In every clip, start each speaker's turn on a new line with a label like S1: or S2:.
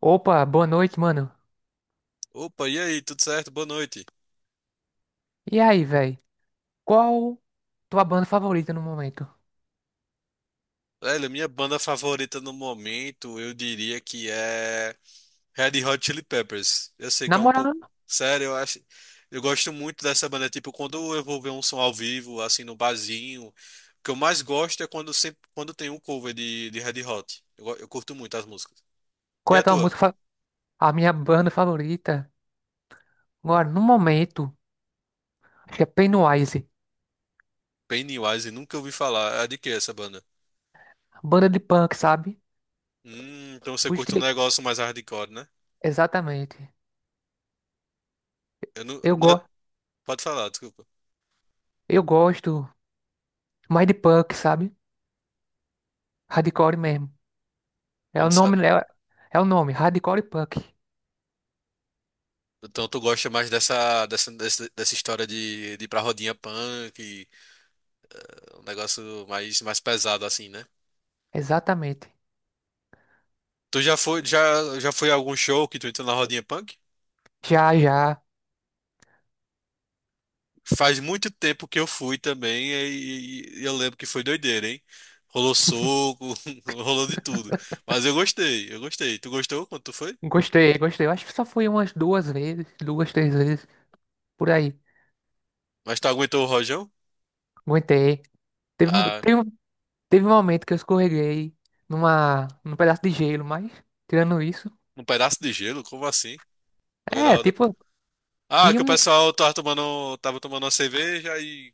S1: Opa, boa noite, mano.
S2: Opa, e aí, tudo certo? Boa noite.
S1: E aí, velho? Qual tua banda favorita no momento?
S2: Velho, minha banda favorita no momento, eu diria que é Red Hot Chili Peppers. Eu sei que
S1: Na
S2: é um
S1: moral,
S2: pouco. Sério, eu acho. Eu gosto muito dessa banda. Tipo, quando eu vou ver um som ao vivo, assim, no barzinho, o que eu mais gosto é quando, sempre, quando tem um cover de Red Hot. Eu curto muito as músicas. E
S1: qual é
S2: a
S1: a tua
S2: tua?
S1: música? A minha banda favorita, agora, no momento, acho que é Pennywise.
S2: Pennywise, nunca ouvi falar. É de que essa banda?
S1: Banda de punk, sabe?
S2: Então você
S1: O
S2: curte um
S1: estilo.
S2: negócio mais hardcore, né?
S1: Exatamente.
S2: Eu não.
S1: Eu,
S2: É,
S1: go...
S2: pode falar, desculpa.
S1: Eu gosto mais de punk, sabe? Hardcore mesmo.
S2: Eu
S1: É
S2: não
S1: o
S2: sei.
S1: nome, é, É o nome, Hardcore Punk.
S2: Então tu gosta mais dessa história de ir pra rodinha punk, e um negócio mais pesado assim, né?
S1: Exatamente.
S2: Tu já foi, já foi a algum show que tu entrou na rodinha punk?
S1: Já, já.
S2: Faz muito tempo que eu fui também e eu lembro que foi doideira, hein? Rolou soco, rolou de tudo. Mas eu gostei, eu gostei. Tu gostou quando tu foi?
S1: Gostei, gostei. Eu acho que só fui umas duas vezes, duas, três vezes, por aí.
S2: Mas tu aguentou o rojão?
S1: Aguentei. Teve, um-
S2: Ah,
S1: teve, um- Teve um momento que eu escorreguei num pedaço de gelo, mas tirando isso,
S2: um pedaço de gelo? Como assim? No meio da
S1: é,
S2: roda.
S1: tipo,
S2: Ah,
S1: tinha
S2: que o
S1: um,
S2: pessoal tava tomando uma cerveja. e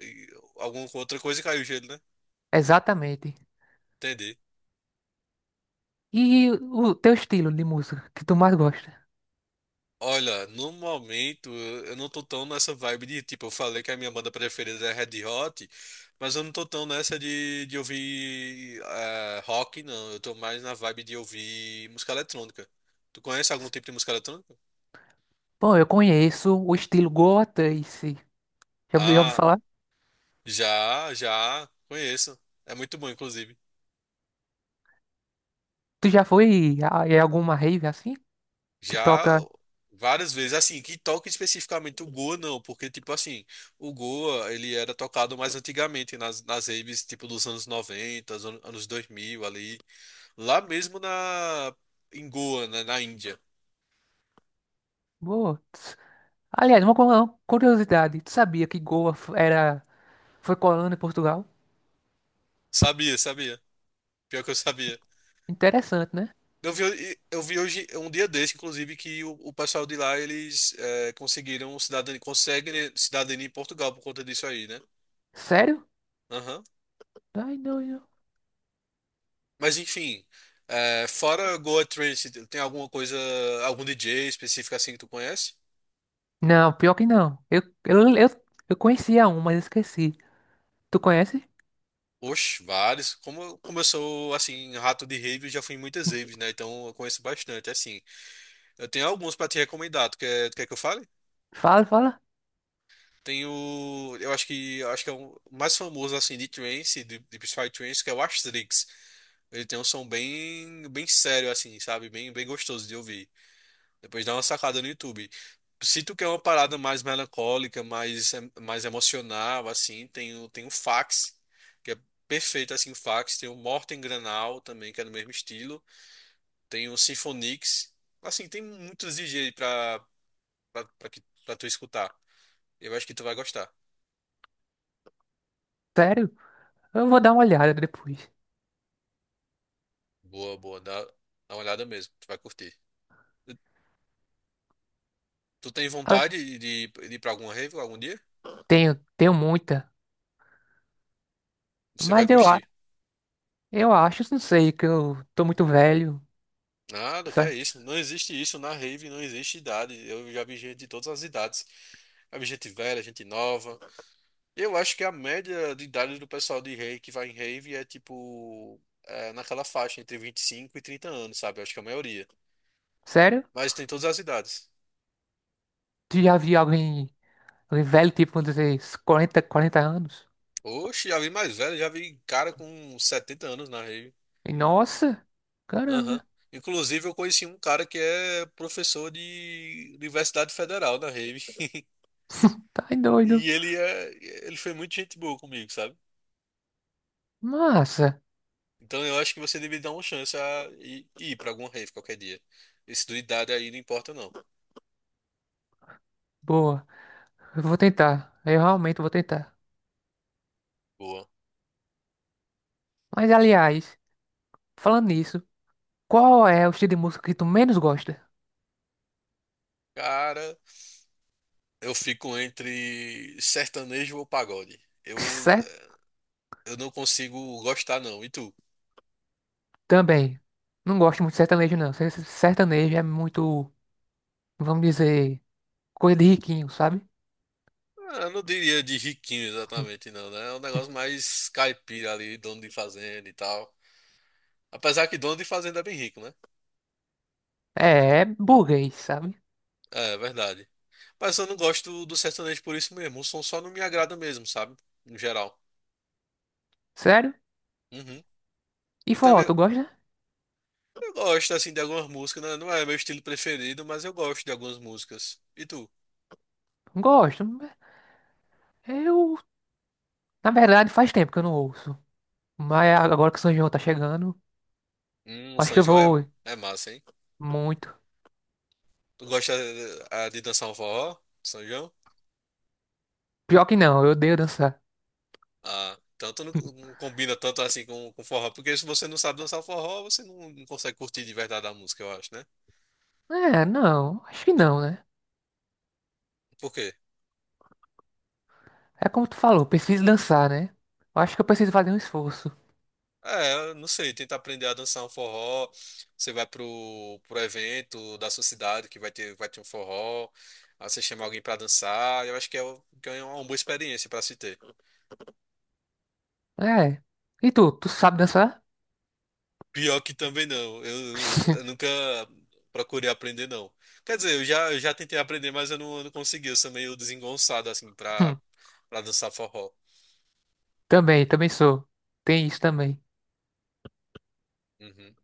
S2: E alguma outra coisa e caiu o gelo, né?
S1: exatamente.
S2: Entendi.
S1: E o teu estilo de música que tu mais gosta?
S2: Olha, no momento eu não tô tão nessa vibe de, tipo, eu falei que a minha banda preferida é Red Hot, mas eu não tô tão nessa de ouvir rock, não. Eu tô mais na vibe de ouvir música eletrônica. Tu conhece algum tipo de música eletrônica?
S1: Bom, eu conheço o estilo Goa Trance. Já ouvi
S2: Ah,
S1: falar?
S2: já, já, conheço. É muito bom, inclusive.
S1: Tu já em alguma rave assim? Que
S2: Já
S1: toca.
S2: várias vezes, assim, que toque especificamente o Goa, não, porque, tipo assim, o Goa, ele era tocado mais antigamente, nas raves, tipo, dos anos 90, anos 2000, ali, lá mesmo na, em Goa, né, na Índia.
S1: Boa. Tss. Aliás, uma curiosidade. Tu sabia que Goa foi colônia de Portugal?
S2: Sabia, sabia, pior que eu sabia.
S1: Interessante, né?
S2: Eu vi hoje, um dia desse, inclusive, que o pessoal de lá, eles conseguiram cidadania, conseguem cidadania em Portugal por conta disso aí, né?
S1: Sério?
S2: Aham.
S1: Ai, não.
S2: Mas enfim, é, fora Goa Trance, tem alguma coisa, algum DJ específico assim que tu conhece?
S1: Não, pior que não. Eu conhecia um, mas esqueci. Tu conhece?
S2: Oxe, vários. Como eu sou, assim, rato de rave, eu já fui em muitas raves, né? Então eu conheço bastante, assim. Eu tenho alguns pra te recomendar. Tu quer que eu fale?
S1: Fala, fala.
S2: Tem o... eu acho que é o mais famoso, assim, de trance, de psytrance, que é o Astrix. Ele tem um som bem, bem sério, assim, sabe? Bem, bem gostoso de ouvir. Depois dá uma sacada no YouTube. Se tu quer uma parada mais melancólica, mais emocional, assim, tem o, tem o Fax, que é perfeito, assim, o Fax. Tem o Morten Granal também, que é do mesmo estilo. Tem o Symphonix. Assim, tem muitos DJs aí pra, pra, pra tu escutar. Eu acho que tu vai gostar.
S1: Sério? Eu vou dar uma olhada depois.
S2: Boa, boa. Dá, dá uma olhada mesmo. Tu vai curtir. Tu tem
S1: Ah,
S2: vontade de ir pra alguma rave algum dia?
S1: tenho, tenho muita.
S2: Você vai
S1: Mas eu, a-
S2: curtir.
S1: eu acho, não sei, que eu tô muito velho.
S2: Nada, que é
S1: Sa-
S2: isso. Não existe isso na rave, não existe idade. Eu já vi gente de todas as idades. Já vi gente velha, gente nova. Eu acho que a média de idade do pessoal de rave que vai em rave é naquela faixa entre 25 e 30 anos, sabe? Eu acho que é a maioria.
S1: Sério?
S2: Mas tem todas as idades.
S1: Tu já viu alguém, alguém velho, tipo, vamos dizer, uns quarenta 40 anos?
S2: Oxe, já vi mais velho, já vi cara com 70 anos na rave.
S1: E, nossa!
S2: Aham.
S1: Caramba!
S2: Inclusive, eu conheci um cara que é professor de Universidade Federal na rave.
S1: Tá doido.
S2: E ele é, ele foi muito gente boa comigo, sabe?
S1: Massa.
S2: Então eu acho que você deveria dar uma chance a ir, ir para alguma rave qualquer dia. Esse do idade aí não importa não.
S1: Boa. Eu vou tentar. Eu realmente vou tentar.
S2: Boa.
S1: Mas, aliás, falando nisso. Qual é o estilo de música que tu menos gosta?
S2: Cara, eu fico entre sertanejo ou pagode.
S1: Certo?
S2: Eu não consigo gostar não. E tu?
S1: Também. Não gosto muito de sertanejo, não. Sertanejo é muito, vamos dizer, coisa de riquinho, sabe?
S2: Ah, eu não diria de riquinho exatamente não, né? É um negócio mais caipira ali, dono de fazenda e tal. Apesar que dono de fazenda é bem rico, né?
S1: É, é burguês, sabe?
S2: É, é verdade. Mas eu não gosto do sertanejo por isso mesmo. O som só não me agrada mesmo, sabe? No geral.
S1: Sério?
S2: Uhum.
S1: E
S2: E
S1: forró,
S2: também
S1: tu gosta?
S2: eu gosto, assim, de algumas músicas, né? Não é meu estilo preferido, mas eu gosto de algumas músicas. E tu?
S1: Gosto. Eu, na verdade, faz tempo que eu não ouço. Mas agora que o São João tá chegando,
S2: O
S1: acho que
S2: São
S1: eu
S2: João
S1: vou
S2: é, é massa, hein?
S1: muito.
S2: Tu gosta dançar um forró, São João?
S1: Pior que não, eu odeio dançar.
S2: Ah, então tu não, não combina tanto assim com forró, porque se você não sabe dançar forró, você não, não consegue curtir de verdade a música, eu acho, né?
S1: É, não, acho que
S2: N-
S1: não, né?
S2: Por quê?
S1: É como tu falou, preciso dançar, né? Eu acho que eu preciso fazer um esforço.
S2: É, eu não sei, tenta aprender a dançar um forró, você vai pro, pro evento da sua cidade que vai ter um forró, aí você chama alguém pra dançar, eu acho que que é uma boa experiência pra se ter.
S1: É. E tu sabe dançar?
S2: Pior que também não. Eu nunca procurei aprender, não. Quer dizer, eu já tentei aprender, mas eu não consegui. Eu sou meio desengonçado, assim,
S1: Hum,
S2: pra dançar forró.
S1: também, também sou. Tem isso também.
S2: Uhum.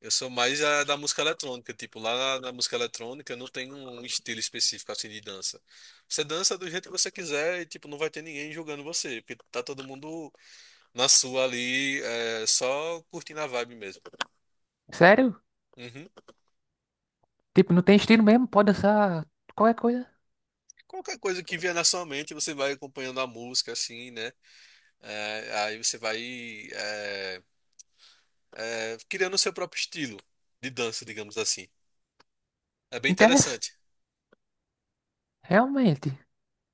S2: Eu sou mais da música eletrônica. Tipo, lá na, na música eletrônica eu não tenho um estilo específico, assim, de dança. Você dança do jeito que você quiser e, tipo, não vai ter ninguém julgando você. Porque tá todo mundo na sua ali, é, só curtindo a vibe mesmo.
S1: Sério?
S2: Uhum.
S1: Tipo, não tem estilo mesmo? Pode dançar qualquer coisa.
S2: Qualquer coisa que vier na sua mente, você vai acompanhando a música, assim, né? É, aí você vai é, criando o seu próprio estilo de dança, digamos assim. É bem
S1: Interessa?
S2: interessante.
S1: Realmente.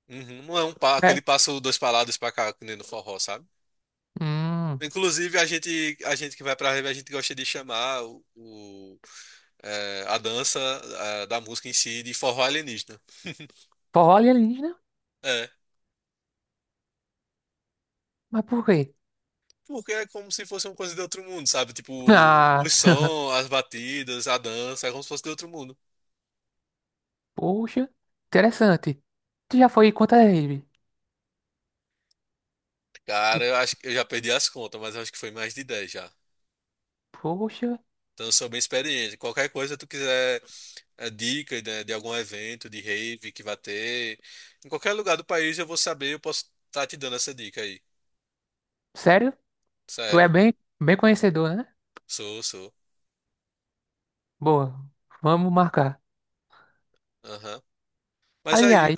S2: Uhum, não é um aquele
S1: É.
S2: passo dois para lá, dois para cá, que nem no forró, sabe?
S1: Hum.
S2: Inclusive, a gente que vai pra rave, a gente gosta de chamar a dança da música em si de forró alienígena.
S1: Forró alienígena?
S2: É,
S1: Mas por quê?
S2: porque é como se fosse uma coisa de outro mundo, sabe? Tipo,
S1: Ah,
S2: os sons, as batidas, a dança, é como se fosse de outro mundo.
S1: poxa. Interessante. Tu já foi quantas vezes? Tu,
S2: Cara, eu acho que eu já perdi as contas, mas eu acho que foi mais de 10 já.
S1: poxa.
S2: Então, eu sou bem experiente. Qualquer coisa tu quiser dica né, de algum evento, de rave que vai ter, em qualquer lugar do país eu vou saber, eu posso estar te dando essa dica aí.
S1: Sério? Tu é
S2: Sério?
S1: bem, bem conhecedor, né?
S2: Sou, sou.
S1: Boa. Vamos marcar.
S2: Aham. Mas aí,
S1: Aliás,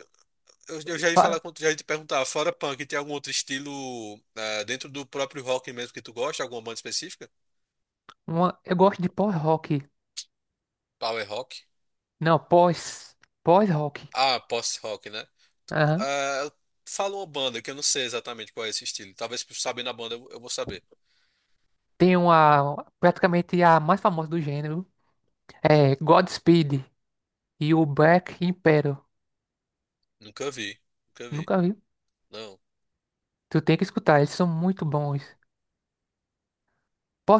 S2: eu já ia falar
S1: fa-
S2: com, já ia te perguntar, fora punk, tem algum outro estilo dentro do próprio rock mesmo que tu gosta? Alguma banda específica?
S1: eu gosto de pós-rock.
S2: Power rock?
S1: Não, pós. Pós-rock.
S2: Ah, post-rock, né?
S1: Aham.
S2: Ah, fala uma banda que eu não sei exatamente qual é esse estilo. Talvez sabendo a banda eu vou saber.
S1: Tem uma, praticamente a mais famosa do gênero, é Godspeed e o Black Emperor.
S2: Nunca vi, nunca vi.
S1: Nunca vi.
S2: Não.
S1: Tu tem que escutar, eles são muito bons.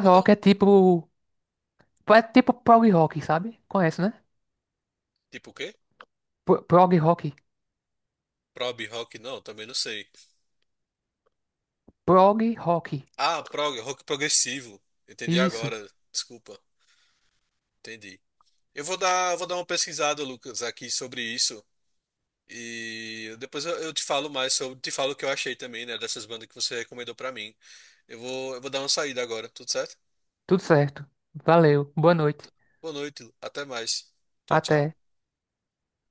S2: Vou dar um
S1: é tipo, é tipo prog rock, sabe? Conhece, né?
S2: tipo o quê?
S1: Prog rock.
S2: Prog rock? Não, também não sei.
S1: Prog rock.
S2: Ah, prog, rock progressivo. Entendi
S1: Isso.
S2: agora. Desculpa. Entendi. Eu vou dar uma pesquisada, Lucas, aqui sobre isso. E depois eu te falo mais sobre, te falo o que eu achei também, né, dessas bandas que você recomendou pra mim. Eu vou dar uma saída agora, tudo certo?
S1: Tudo certo. Valeu. Boa noite.
S2: Boa noite, até mais. Tchau, tchau.
S1: Até.